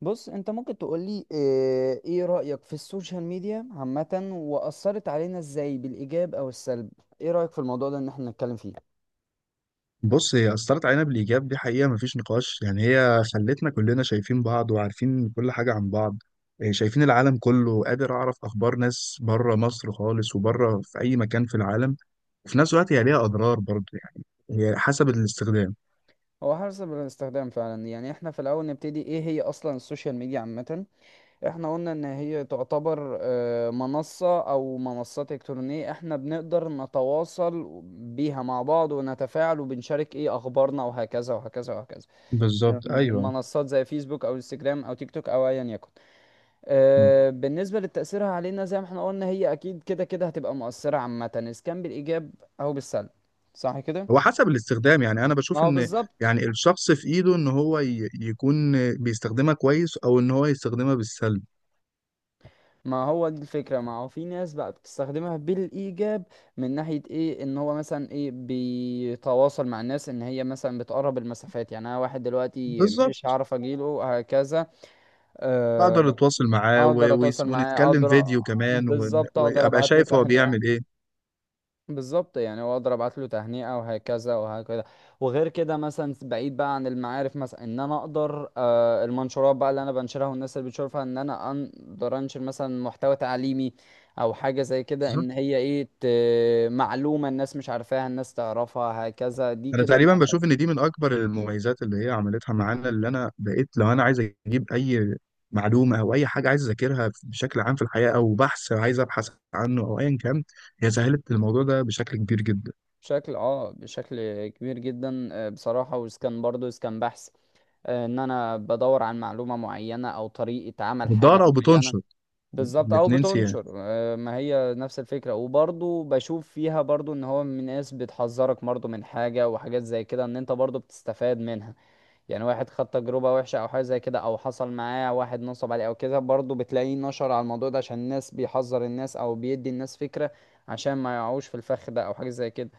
بص انت ممكن تقولي ايه رأيك في السوشيال ميديا عامة، وأثرت علينا ازاي بالإيجاب او السلب؟ ايه رأيك في الموضوع ده ان احنا نتكلم فيه؟ بص، هي أثرت علينا بالإيجاب، دي حقيقة مفيش نقاش. يعني هي خلتنا كلنا شايفين بعض وعارفين كل حاجة عن بعض. شايفين العالم كله، قادر أعرف أخبار ناس بره مصر خالص وبره في أي مكان في العالم. وفي نفس الوقت هي ليها أضرار برضه، يعني هي حسب الاستخدام. هو حسب الاستخدام فعلا. يعني احنا في الأول نبتدي ايه هي أصلا السوشيال ميديا عامة. احنا قلنا ان هي تعتبر منصة او منصات إلكترونية احنا بنقدر نتواصل بيها مع بعض ونتفاعل وبنشارك ايه أخبارنا وهكذا وهكذا وهكذا. بالظبط، يعني أيوه. المنصات زي فيسبوك او انستجرام او تيك توك او ايا يكن. مم. بالنسبة لتأثيرها علينا زي ما احنا قلنا هي أكيد كده كده هتبقى مؤثرة عامة، إذا كان بالإيجاب أو بالسلب، صح كده؟ هو حسب الاستخدام. يعني أنا ما بشوف هو إن بالظبط. يعني الشخص في إيده إن هو يكون بيستخدمها كويس، أو إن هو يستخدمها بالسلب. ما هو دي الفكرة، ما هو في ناس بقى بتستخدمها بالإيجاب من ناحية إيه، إن هو مثلا إيه بيتواصل مع الناس، إن هي مثلا بتقرب المسافات. يعني أنا واحد دلوقتي بالظبط. مش هعرف أجيله هكذا، اقدر آه، اتواصل معاه أقدر أتواصل معاه، ونتكلم أقدر، فيديو كمان بالظبط، أقدر وابقى أبعت له شايف هو تهنئة. بيعمل ايه. بالظبط، يعني هو اقدر ابعت له تهنئه وهكذا وهكذا. وغير كده مثلا بعيد بقى عن المعارف، مثلا ان انا اقدر المنشورات بقى اللي انا بنشرها والناس اللي بتشوفها، ان انا اقدر انشر مثلا محتوى تعليمي او حاجه زي كده، بالظبط. ان هي ايه معلومه الناس مش عارفاها الناس تعرفها هكذا دي انا كده. تقريبا بشوف ان دي من اكبر المميزات اللي هي عملتها معانا، اللي انا بقيت لو انا عايز اجيب اي معلومه او اي حاجه عايز اذاكرها بشكل عام في الحياه، او بحث عايز ابحث عنه او ايا كان، هي سهلت الموضوع ده بشكل كبير جدا. بشكل كبير جدا، بصراحه. وإذا برضه إذا بحث، ان انا بدور عن معلومه معينه او طريقه عمل بتدور حاجه او معينه، بتنشر بالظبط، او الاثنين. بتنشر. ما هي نفس الفكره. وبرضو بشوف فيها برضو ان هو من ناس بتحذرك برضو من حاجه وحاجات زي كده، ان انت برضو بتستفاد منها. يعني واحد خد تجربه وحشه او حاجه زي كده، او حصل معاه واحد نصب عليه او كده، برضو بتلاقيه نشر على الموضوع ده عشان الناس، بيحذر الناس او بيدي الناس فكره عشان ما يقعوش في الفخ ده او حاجه زي كده.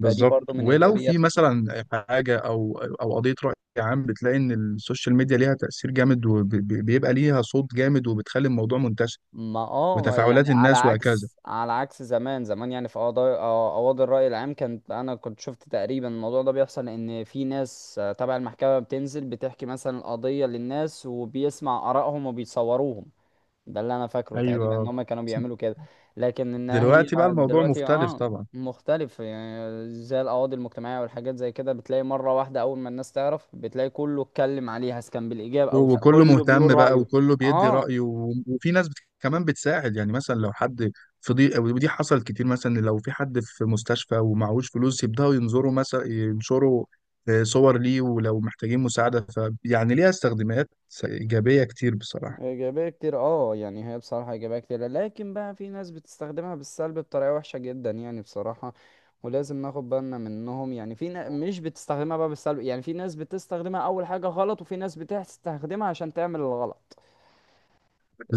فدي برضو من ولو في ايجابيات. مثلا حاجه او قضيه راي عام، بتلاقي ان السوشيال ميديا ليها تاثير جامد وبيبقى ليها صوت جامد وبتخلي الموضوع منتشر. ما يعني وتفاعلات على الناس وهكذا. عكس، على عكس زمان. زمان يعني في قضايا، قواضي الرأي العام، كانت انا كنت شفت تقريبا الموضوع ده بيحصل ان في ناس تبع المحكمة بتنزل بتحكي مثلا القضية للناس وبيسمع آرائهم وبيصوروهم. ده اللي انا فاكره تقريبا ان ايوه. هم كانوا بيعملوا كده. لكن ان هي دلوقتي بقى الموضوع دلوقتي مختلف اه طبعا. مختلف. يعني زي القواضي المجتمعية والحاجات زي كده، بتلاقي مرة واحدة اول ما الناس تعرف بتلاقي كله اتكلم عليها سواء كان بالإيجاب او وكله كله بيقول مهتم بقى، رأيه. وكله بيدي اه. رأيه، وفي ناس كمان بتساعد. يعني مثلا لو حد في ضيق، ودي حصلت كتير، مثلا لو في حد في مستشفى ومعهوش فلوس، يبدأوا ينظروا مثلا ينشروا صور ليه ولو محتاجين مساعدة. ف يعني ليها استخدامات إيجابية كتير بصراحة. إيجابية كتير اه. يعني هي بصراحة إيجابية كتير، لكن بقى في ناس بتستخدمها بالسلب بطريقة وحشة جدا يعني بصراحة، ولازم ناخد بالنا منهم. يعني في مش بتستخدمها بقى بالسلب، يعني في ناس بتستخدمها أول حاجة غلط، وفي ناس بتستخدمها عشان تعمل الغلط.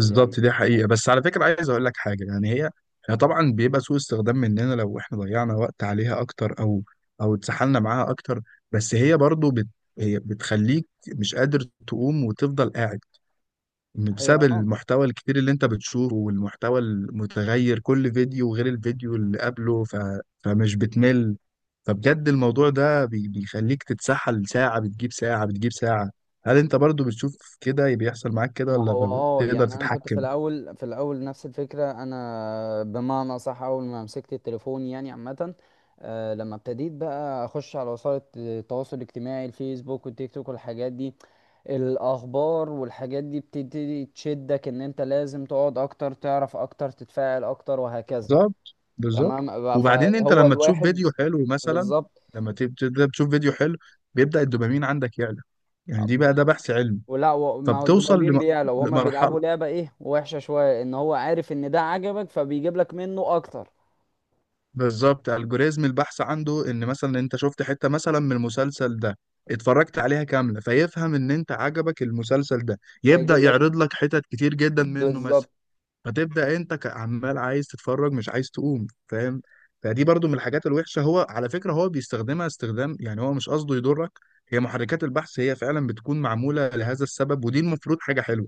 يعني. دي حقيقة. بس على فكرة عايز أقول لك حاجة، يعني هي هي طبعا بيبقى سوء استخدام مننا لو إحنا ضيعنا وقت عليها أكتر، أو اتسحلنا معاها أكتر. بس هي برضو هي بتخليك مش قادر تقوم وتفضل قاعد، هي بسبب اه المحتوى الكتير اللي أنت بتشوفه والمحتوى المتغير كل فيديو غير الفيديو اللي قبله. فمش بتمل. فبجد الموضوع ده بيخليك تتسحل ساعة بتجيب ساعة بتجيب ساعة. هل أنت برضو بتشوف كده بيحصل معاك كده ما هو ولا اه بتقدر يعني انا كنت في تتحكم؟ الاول في الاول نفس الفكره انا، بمعنى صح اول ما مسكت التليفون يعني عامه، لما ابتديت بقى اخش على وسائل التواصل الاجتماعي، الفيسبوك والتيك توك والحاجات دي، الاخبار والحاجات دي بتبتدي تشدك ان انت لازم تقعد اكتر تعرف اكتر تتفاعل اكتر وهكذا. بالظبط بالظبط. تمام بقى، وبعدين انت فهو لما تشوف الواحد فيديو حلو مثلا، بالظبط. لما تبدا تشوف فيديو حلو، بيبدا الدوبامين عندك يعلى. يعني دي بقى ده بحث علمي. ولا ما هو فبتوصل الدوبامين بيعلى، وهما لمرحله. بيلعبوا لعبة ايه وحشة شوية، ان هو عارف ان ده عجبك فبيجيب لك منه اكتر. بالظبط. الجوريزم البحث عنده ان مثلا انت شفت حته مثلا من المسلسل ده، اتفرجت عليها كامله فيفهم ان انت عجبك المسلسل ده، يبدا فيجيب لك يعرض لك حتت كتير جدا منه مثلا. بالظبط. فتبدا انت كعمال عايز تتفرج، مش عايز تقوم، فاهم؟ فدي برضو من الحاجات الوحشه. هو على فكره هو بيستخدمها استخدام، يعني هو مش قصده يضرك. هي محركات البحث هي فعلا بتكون معموله لهذا السبب، ودي المفروض حاجه حلوه،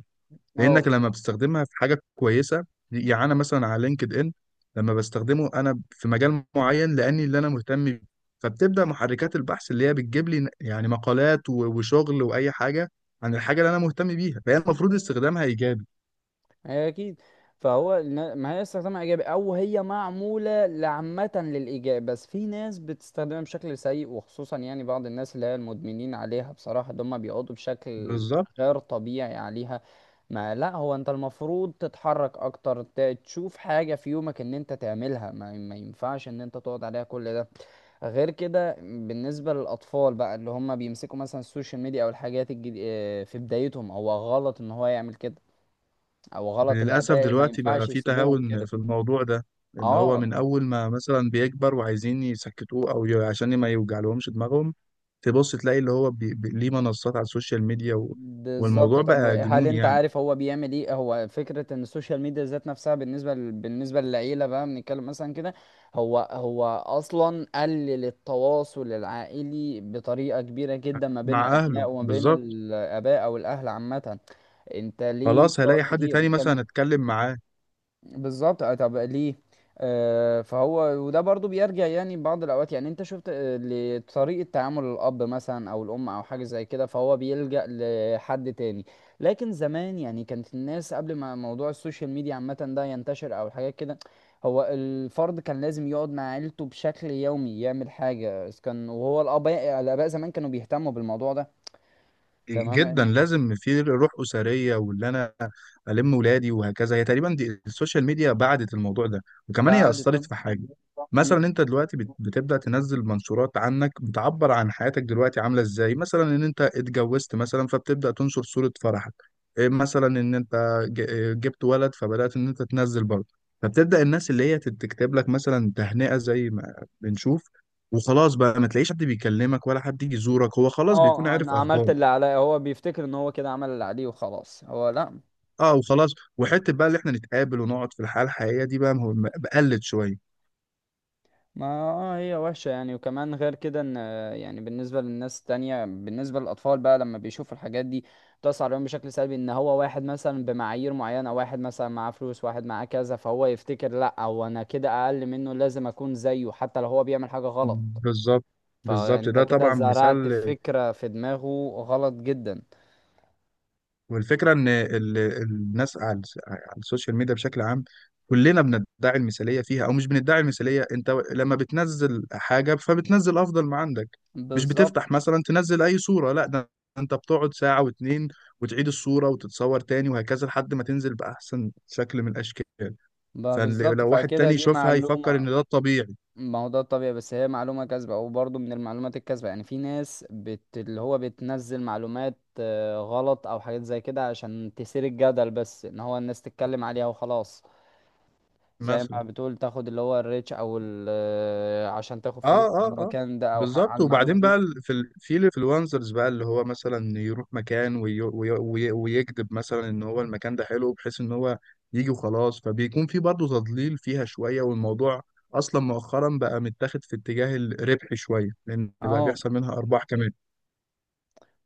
اه. لانك لما بتستخدمها في حاجه كويسه. يعني انا مثلا على لينكد ان، لما بستخدمه انا في مجال معين، لاني اللي انا مهتم بيه، فبتبدا محركات البحث اللي هي بتجيب لي يعني مقالات وشغل واي حاجه عن الحاجه اللي انا مهتم بيها، فهي المفروض استخدامها ايجابي. هي اكيد. فهو ما هي استخدامها ايجابي، او هي معموله لعامه للايجاب، بس في ناس بتستخدمها بشكل سيء، وخصوصا يعني بعض الناس اللي هي المدمنين عليها بصراحه، اللي هم بيقعدوا بشكل بالظبط. غير طبيعي عليها. ما لا، هو انت المفروض تتحرك اكتر، تشوف حاجه في يومك ان انت تعملها. ما ينفعش ان انت تقعد عليها كل ده. غير كده بالنسبة للأطفال بقى اللي هم بيمسكوا مثلا السوشيال ميديا أو الحاجات الجديدة في بدايتهم، هو غلط إن هو يعمل كده، او غلط للأسف الاباء، ما دلوقتي ينفعش بقى في يسيبوهم تهاون كده. في الموضوع ده، إن هو اه. من أول ما مثلا بيكبر وعايزين يسكتوه أو عشان ما يوجعلهمش دماغهم، تبص تلاقي اللي هو ليه منصات على السوشيال ميديا بالظبط. والموضوع طب بقى هل جنون انت يعني. عارف هو بيعمل ايه؟ هو فكره ان السوشيال ميديا ذات نفسها بالنسبه بالنسبه للعيله بقى، بنتكلم مثلا كده، هو هو اصلا قلل التواصل العائلي بطريقه كبيره جدا ما بين مع أهله الابناء وما بين بالظبط. الاباء او الاهل عامه. انت ليه خلاص بتقعد هلاقي حد كتير تاني مثلا كان. أتكلم معاه. بالظبط. طب ليه؟ فهو، وده برضو بيرجع يعني بعض الاوقات، يعني انت شفت لطريقة تعامل الاب مثلا او الام او حاجة زي كده، فهو بيلجأ لحد تاني. لكن زمان، يعني كانت الناس قبل ما موضوع السوشيال ميديا عامة ده ينتشر او حاجات كده، هو الفرد كان لازم يقعد مع عيلته بشكل يومي يعمل حاجة إذا كان. وهو الاباء، الاباء زمان كانوا بيهتموا بالموضوع ده. جدا تمام. لازم في روح اسريه. واللي انا الم ولادي وهكذا، هي تقريبا دي السوشيال ميديا بعدت الموضوع ده. وكمان هي بعد اثرت طبعا. في حاجه، مثلا انت دلوقتي بتبدا تنزل منشورات عنك بتعبر عن حياتك دلوقتي عامله ازاي. مثلا ان انت اتجوزت مثلا، فبتبدا تنشر صوره فرحك. إيه مثلا ان انت ج- إيه جبت ولد، فبدات ان انت تنزل برضه. فبتبدا الناس اللي هي تكتب لك مثلا تهنئه زي ما بنشوف. وخلاص بقى ما تلاقيش حد بيكلمك ولا حد يجي يزورك، هو خلاص بيكون اه، عارف انا عملت اخبارك. اللي عليا، هو بيفتكر ان هو كده عمل اللي عليه وخلاص. هو لا. اه وخلاص. وحته بقى اللي احنا نتقابل ونقعد في الحياه الحقيقيه دي، بقى بقلت شويه. ما هي وحشة يعني. وكمان غير كده ان، يعني بالنسبة للناس التانية، بالنسبة للأطفال بقى لما بيشوف الحاجات دي بتأثر عليهم بشكل سلبي، ان هو واحد مثلا بمعايير معينة، واحد مثلا معاه فلوس، واحد معاه كذا، فهو يفتكر لا، هو انا كده أقل منه لازم أكون زيه حتى لو هو بيعمل حاجة غلط. بالظبط بالظبط، فأنت ده كده طبعا زرعت مثال. فكرة في دماغه غلط جدا. والفكره ان الناس على على السوشيال ميديا بشكل عام، كلنا بندعي المثاليه فيها، او مش بندعي المثاليه، انت لما بتنزل حاجه فبتنزل افضل ما عندك. مش بالظبط. بتفتح مثلا تنزل اي صوره، لا ده انت بتقعد ساعه واتنين وتعيد الصوره وتتصور تاني وهكذا لحد ما تنزل باحسن شكل من الاشكال. بقى بالظبط، فلو واحد فكده تاني دي يشوفها يفكر ان معلومة. ده الطبيعي. ما هو ده الطبيعي، بس هي معلومة كاذبة، او برضه من المعلومات الكاذبة. يعني في ناس اللي هو بتنزل معلومات غلط او حاجات زي كده عشان تثير الجدل بس، ان هو الناس تتكلم عليها وخلاص. زي ما مثلا. بتقول تاخد اللي هو الريتش او ال... آه، عشان تاخد اه فلوس على اه اه المكان ده او حق على بالظبط. المعلومة وبعدين بقى دي. في الانفلونسرز بقى، اللي هو مثلا يروح مكان ويكذب مثلا ان هو المكان ده حلو، بحيث ان هو يجي وخلاص. فبيكون في برضه تضليل فيها شويه. والموضوع اصلا مؤخرا بقى متاخد في اتجاه الربح شويه، لان بقى اه. بيحصل منها ارباح كمان.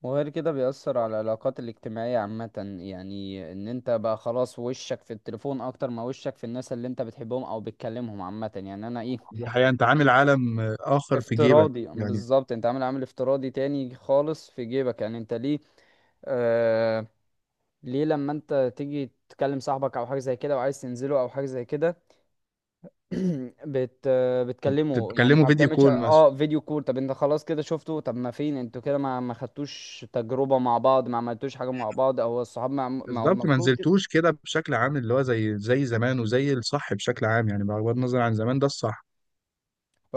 وغير كده بيأثر على العلاقات الاجتماعية عامة. يعني ان انت بقى خلاص وشك في التليفون اكتر ما وشك في الناس اللي انت بتحبهم او بتكلمهم عامة. يعني انا ايه، دي حقيقه. انت عامل عالم اخر في جيبك افتراضي يعني. بالظبط، انت عامل افتراضي تاني خالص في جيبك. يعني انت ليه؟ آه ليه لما انت تيجي تكلم صاحبك او حاجه زي كده وعايز تنزله او حاجه زي كده، بت آه، بتكلمه يعني، تتكلموا ما فيديو بتعملش كول مثلا. اه فيديو كول؟ طب انت خلاص كده شفته. طب ما فين انتوا كده؟ ما خدتوش تجربه مع بعض، ما عملتوش حاجه مع بعض او الصحاب؟ ما هو بالظبط ما المفروض كده. نزلتوش كده بشكل عام اللي هو زي زمان وزي الصح بشكل عام، يعني بغض النظر عن زمان ده الصح.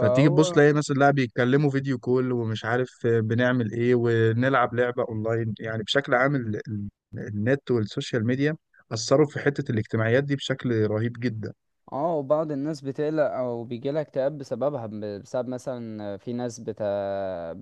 فتيجي تبص تلاقي ناس اللاعب بيتكلموا فيديو كول ومش عارف بنعمل ايه ونلعب لعبة اونلاين. يعني بشكل عام النت والسوشيال ميديا أثروا في حتة الاجتماعيات دي بشكل رهيب جدا. اه. وبعض الناس بتقلق او بيجيلها اكتئاب بسببها، بسبب مثلا في ناس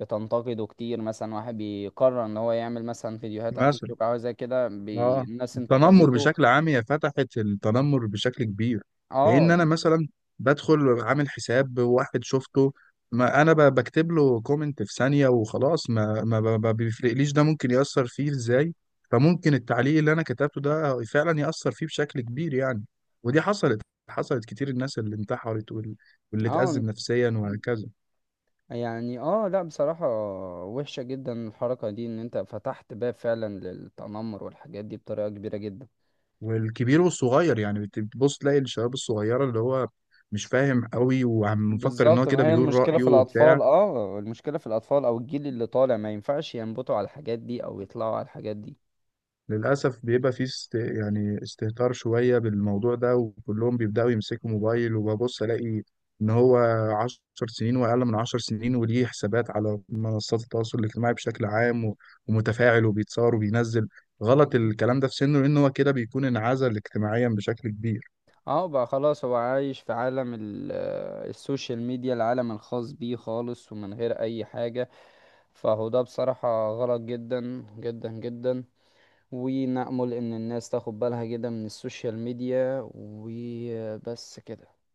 بتنتقده كتير، مثلا واحد بيقرر ان هو يعمل مثلا فيديوهات على تيك مثلا. توك او زي كده، اه. الناس التنمر انتقدته. بشكل عام هي فتحت التنمر بشكل كبير. لان اه انا مثلا بدخل عامل حساب، واحد شفته، ما انا بكتب له كومنت في ثانيه وخلاص. ما بيفرقليش ده ممكن ياثر فيه ازاي. فممكن التعليق اللي انا كتبته ده فعلا ياثر فيه بشكل كبير يعني. ودي حصلت كتير. الناس اللي انتحرت واللي اه اتأزم نفسيا وهكذا. يعني اه لا بصراحة، وحشة جدا الحركة دي ان انت فتحت باب فعلا للتنمر والحاجات دي بطريقة كبيرة جدا. والكبير والصغير يعني بتبص تلاقي الشباب الصغيرة، اللي هو مش فاهم قوي ومفكر ان هو بالظبط. ما كده هي بيقول المشكلة رأيه في وبتاع. الأطفال اه، المشكلة في الأطفال أو الجيل اللي طالع ما ينفعش ينبطوا على الحاجات دي أو يطلعوا على الحاجات دي. للأسف بيبقى فيه يعني استهتار شوية بالموضوع ده، وكلهم بيبدأوا يمسكوا موبايل وببص ألاقي إن هو 10 سنين وأقل من 10 سنين وليه حسابات على منصات التواصل الاجتماعي بشكل عام ومتفاعل وبيتصور وبينزل. غلط بالظبط. الكلام ده في سنه لأن هو كده بيكون انعزل اجتماعيا بشكل كبير. اه بقى خلاص هو عايش في عالم السوشيال ميديا، العالم الخاص بيه خالص ومن غير اي حاجة. فهو ده بصراحة غلط جدا جدا جدا. ونأمل ان الناس تاخد بالها جدا من السوشيال ميديا، وبس كده.